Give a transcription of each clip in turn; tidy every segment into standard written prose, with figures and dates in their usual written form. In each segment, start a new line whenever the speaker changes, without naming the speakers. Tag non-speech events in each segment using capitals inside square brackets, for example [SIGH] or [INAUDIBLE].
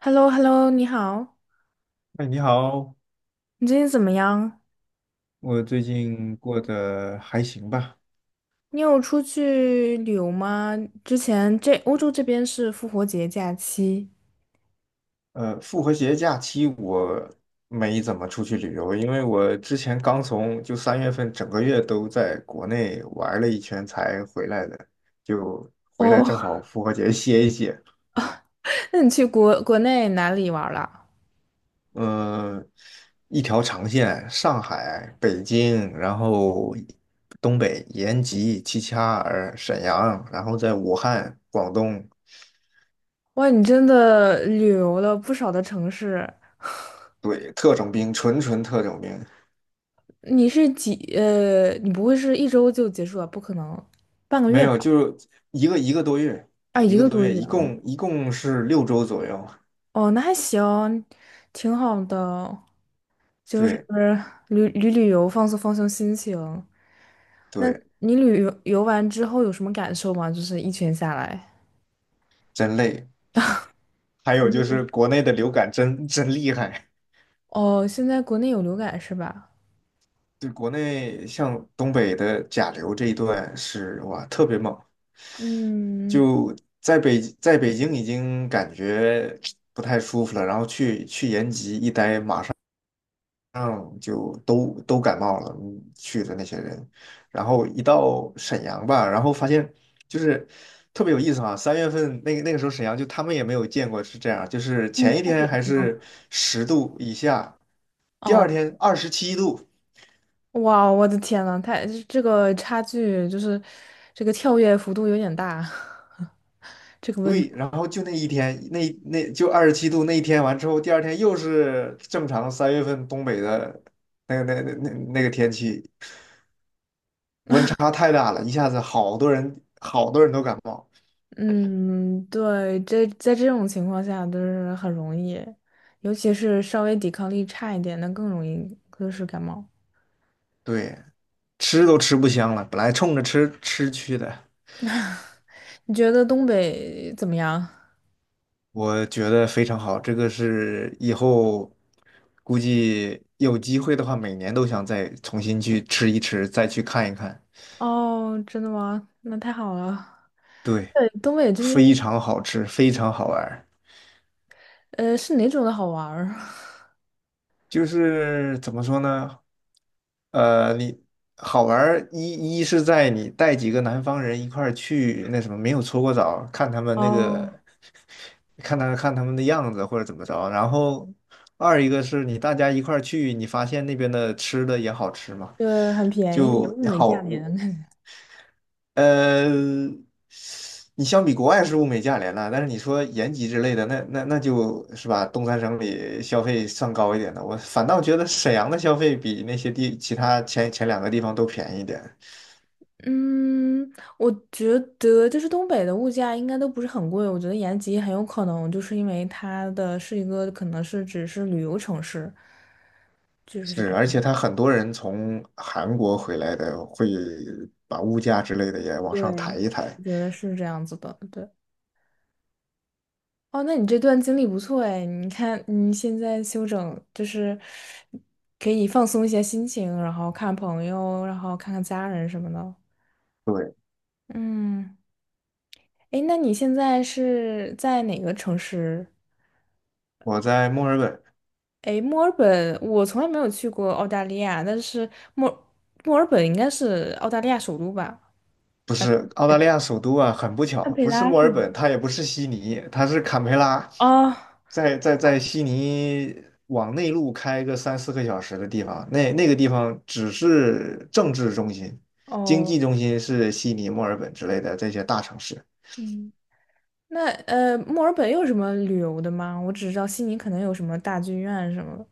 h e l l o h e l l o 你好，
哎，你好，
你最近怎么样？
我最近过得还行吧？
你有出去旅游吗？之前这欧洲这边是复活节假期。
复活节假期我没怎么出去旅游，因为我之前刚从就三月份整个月都在国内玩了一圈才回来的，就回来
哦，
正好复活节歇一歇。
[LAUGHS] 那你去国内哪里玩了？
嗯、一条长线，上海、北京，然后东北延吉、齐齐哈尔、沈阳，然后在武汉、广东，
哇，你真的旅游了不少的城市。
对，特种兵，纯纯特种兵。
你不会是一周就结束了？不可能，半个
没
月
有，
吧？
就是一个多月，
啊，
一
一
个
个
多
多
月，
月
一
哦。
共一共是6周左右。
哦，那还行，挺好的，就是
对，
旅游，放松放松心情。那
对，
你旅游完之后有什么感受吗？就是一圈下来，
真累。还有
肯
就
定。
是国内的流感真厉害，
哦，现在国内有流感是吧？
对国内像东北的甲流这一段是哇特别猛，
嗯。
就在北京已经感觉不太舒服了，然后去延吉一待，马上。嗯，就都感冒了，去的那些人，然后一到沈阳吧，然后发现就是特别有意思啊。三月份那个时候沈阳就他们也没有见过是这样，就是
嗯，
前一
下雪
天还
是吗？
是10度以下，第
哦，
二天二十七度，
哇，我的天呐，太这个差距就是这个跳跃幅度有点大，[LAUGHS] 这个问题。
对，然后就那一天那就二十七度那一天完之后，第二天又是正常三月份东北的那个天气，温差太大了，一下子好多人都感冒，
嗯，对，这在这种情况下就是很容易，尤其是稍微抵抗力差一点的更容易就是感冒。
对。吃都吃不香了，本来冲着吃吃去的，
你觉得东北怎么样？
我觉得非常好。这个是以后估计有机会的话，每年都想再重新去吃一吃，再去看一看。
哦，真的吗？那太好了。
对，
对，东北这边，
非常好吃，非常好玩儿。
是哪种的好玩儿？[LAUGHS]
就是怎么说呢？你好玩儿一是在你带几个南方人一块儿去那什么，没有搓过澡，看他们那
哦，
个，看他们的样子或者怎么着。然后二一个是你大家一块儿去，你发现那边的吃的也好吃嘛，
对，很便宜，
就
物美价
好。
廉。[LAUGHS]
呃，你相比国外是物美价廉了，但是你说延吉之类的，那就是吧，东三省里消费算高一点的。我反倒觉得沈阳的消费比那些地其他前两个地方都便宜一点。
嗯，我觉得就是东北的物价应该都不是很贵。我觉得延吉很有可能就是因为它的是一个可能是只是旅游城市，就是
是，
可
而且
能
他很多人从韩国回来的，会把物价之类的也往上抬
对，
一抬。
我觉得是这样子的，对。哦，那你这段经历不错哎，你看你现在休整，就是可以放松一下心情，然后看朋友，然后看看家人什么的。
对，
嗯，哎，那你现在是在哪个城市？
我在墨尔本。
哎，墨尔本，我从来没有去过澳大利亚，但是墨墨尔本应该是澳大利亚首都吧？
不是澳大利亚首都啊，很不
堪
巧，
培
不是
拉
墨
是
尔
吗？
本，它也不是悉尼，它是坎培拉，
哦。
在悉尼往内陆开个三四个小时的地方，那个地方只是政治中心，经济
哦，
中心是悉尼、墨尔本之类的这些大城市。
嗯，那墨尔本有什么旅游的吗？我只知道悉尼可能有什么大剧院什么的。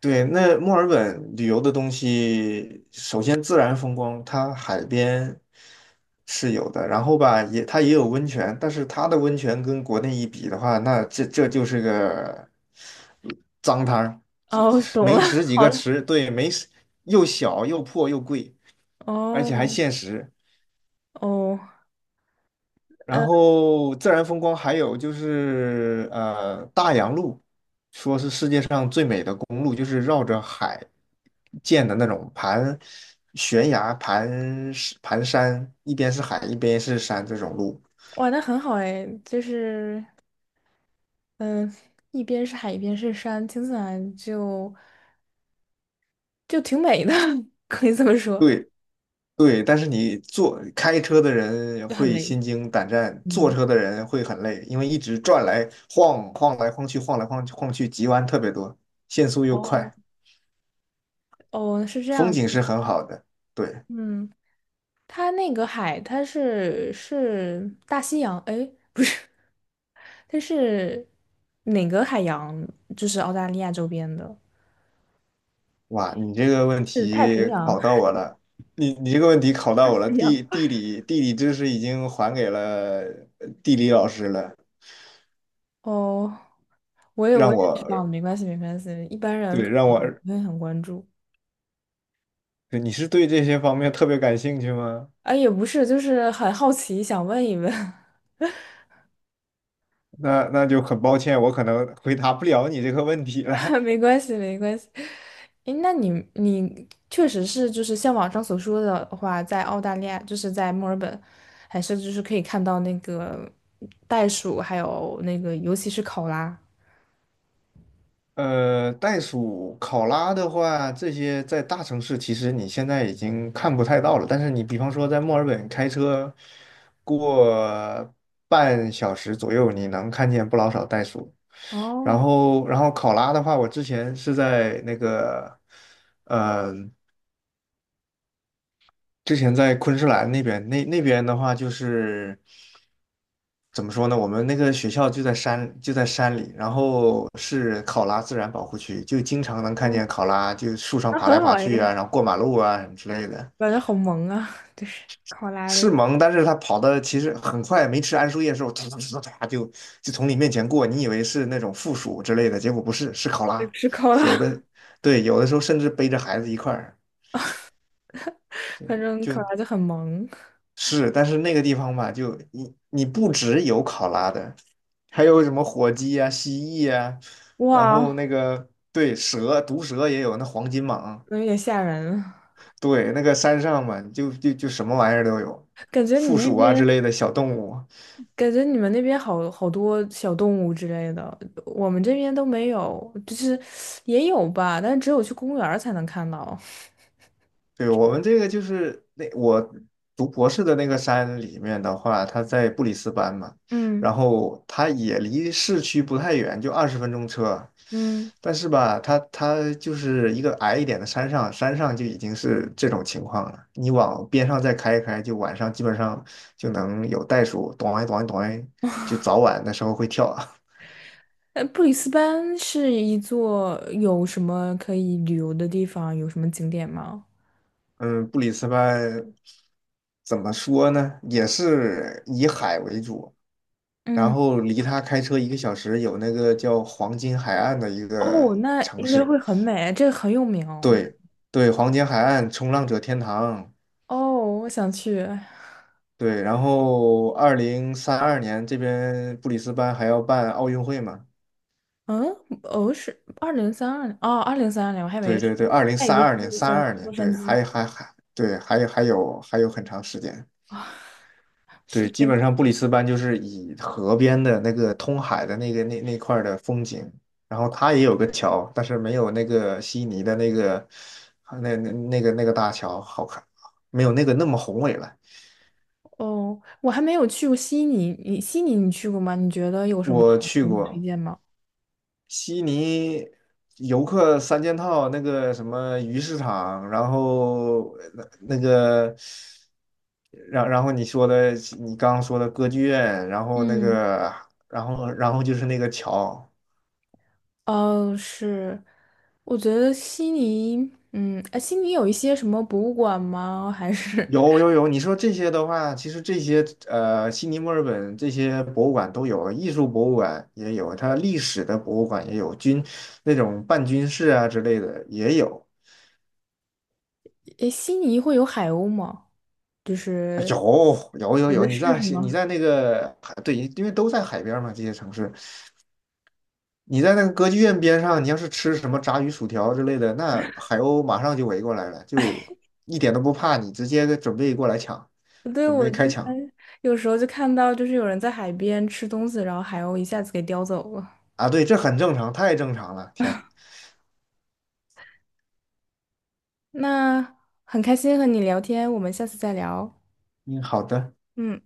对，那墨尔本旅游的东西，首先自然风光，它海边是有的，然后吧，也它也有温泉，但是它的温泉跟国内一比的话，那这就是个脏摊儿，就
哦，
就是
懂了，
没十
[LAUGHS]
几
好
个
的。
池，对，没十又小又破又贵，而且还
哦。
限时。
哦，
然
呃，
后自然风光还有就是大洋路。的公路，就是绕着海建的那种盘悬崖、盘石盘山，一边是海，一边是山这种路。
玩的很好哎，就是，嗯、一边是海，一边是山，听起来就就挺美的，[LAUGHS] 可以这么说。
对，对，但是你坐开车的人
就很
会
累。
心惊胆战，坐
嗯，
车的人会很累，因为一直转来晃来晃去，晃来晃去，急弯特别多，限速又
哦。
快，
哦，是这
风
样。
景是很好的。对。
嗯，它那个海，它是大西洋，哎，不是，它是哪个海洋？就是澳大利亚周边的，
哇，你这个问
是太平
题
洋、[LAUGHS]
考
海
到我了，你这个问题考到我了，
洋。
地理知识已经还给了地理老师了，
哦，我也我
让我
也知道了，没关系没关系，一般
对
人可
让我
能不会很关注。
对你是对这些方面特别感兴趣吗？
啊，也不是，就是很好奇，想问一问。
那就很抱歉，我可能回答不了你这个问题了。
[LAUGHS]
[LAUGHS]
没关系没关系。诶，那你你确实是就是像网上所说的话，在澳大利亚，就是在墨尔本，还是就是可以看到那个袋鼠，还有那个尤其是考拉。
袋鼠、考拉的话，这些在大城市其实你现在已经看不太到了。但是你比方说在墨尔本开车过半小时左右，你能看见不老少袋鼠。然
哦。
后，然后考拉的话，我之前是在那个，呃之前在昆士兰那边，那边的话就是怎么说呢？我们那个学校就在山里，然后是考拉自然保护区，就经常能看
哦，
见考拉就树上
那
爬
很
来
好
爬去啊，
诶，
然后过马路啊什么之类的。
[LAUGHS] 感觉好萌啊！[LAUGHS] 就是考拉的，
是萌，但是它跑的其实很快，没吃桉树叶的时候，突突突突就从你面前过，你以为是那种负鼠之类的，结果不是，是考
对，
拉。
不是考
有
拉，
的对，有的时候甚至背着孩子一块儿，
[LAUGHS] 反正
就
考拉就很萌。
是，但是那个地方吧，就你不只有考拉的，还有什么火鸡啊、蜥蜴啊，然后那
哇，
个对蛇、毒蛇也有，那黄金蟒，
有点吓人，
对，那个山上嘛，就什么玩意儿都有，
感觉你
负
那
鼠啊之
边，
类的小动物。
感觉你们那边好好多小动物之类的，我们这边都没有，就是也有吧，但是只有去公园儿才能看到。[LAUGHS]
对，我们这个就是那我读博士的那个山里面的话，它在布里斯班嘛，
嗯。
然后它也离市区不太远，就20分钟车。
嗯，
但是吧，它就是一个矮一点的山上，山上就已经是这种情况了。你往边上再开一开，就晚上基本上就能有袋鼠，咚哎咚哎咚哎，就早晚的时候会跳。[LAUGHS]
布里斯班是一座有什么可以旅游的地方，有什么景点吗？
嗯，布里斯班怎么说呢？也是以海为主，然
嗯，
后离他开车一个小时有那个叫黄金海岸的一
哦，
个
那
城
应该
市，
会很美，这个很有名。
对，对，黄金海岸冲浪者天堂，
哦，哦我想去。
对，然后二零三二年这边布里斯班还要办奥运会嘛，
嗯，哦，是二零三二年，哦，二零三二年，我还以
对，
为是，
对，对，二零
那已
三
经是
二年
洛
三
杉
二
洛
年，
杉
对，
矶，
还还还对，还有很长时间，
是
对，基
对，
本上布里斯班就是以河边的那个通海的那块儿的风景，然后它也有个桥，但是没有那个悉尼的那个大桥好看，没有那个那么宏伟了。
哦，我还没有去过悉尼，你悉尼你去过吗？你觉得有什么
我
好的
去
景点推
过
荐吗？
悉尼游客三件套，那个什么鱼市场，然后那个，然后你刚刚说的歌剧院，然后那
嗯，
个，然后就是那个桥。
哦，是，我觉得悉尼，嗯，哎，悉尼有一些什么博物馆吗？还是，
有，有，有，你说这些的话，其实这些悉尼、墨尔本这些博物馆都有，艺术博物馆也有，它历史的博物馆也有，军那种半军事啊之类的也有，
哎，悉尼会有海鸥吗？就
啊，
是
有，有，有，
有
有。
的
你
是
在
是
悉你
吗？
在那个海，对，因为都在海边嘛，这些城市，你在那个歌剧院边上，你要是吃什么炸鱼薯条之类的，那海鸥马上就围过来了，就一点都不怕你，直接准备过来抢，
对，
准
我
备
之
开抢
前有时候就看到，就是有人在海边吃东西，然后海鸥一下子给叼走了。
啊！对，这很正常，太正常了，天，
那很开心和你聊天，我们下次再聊。
嗯，好的。
嗯。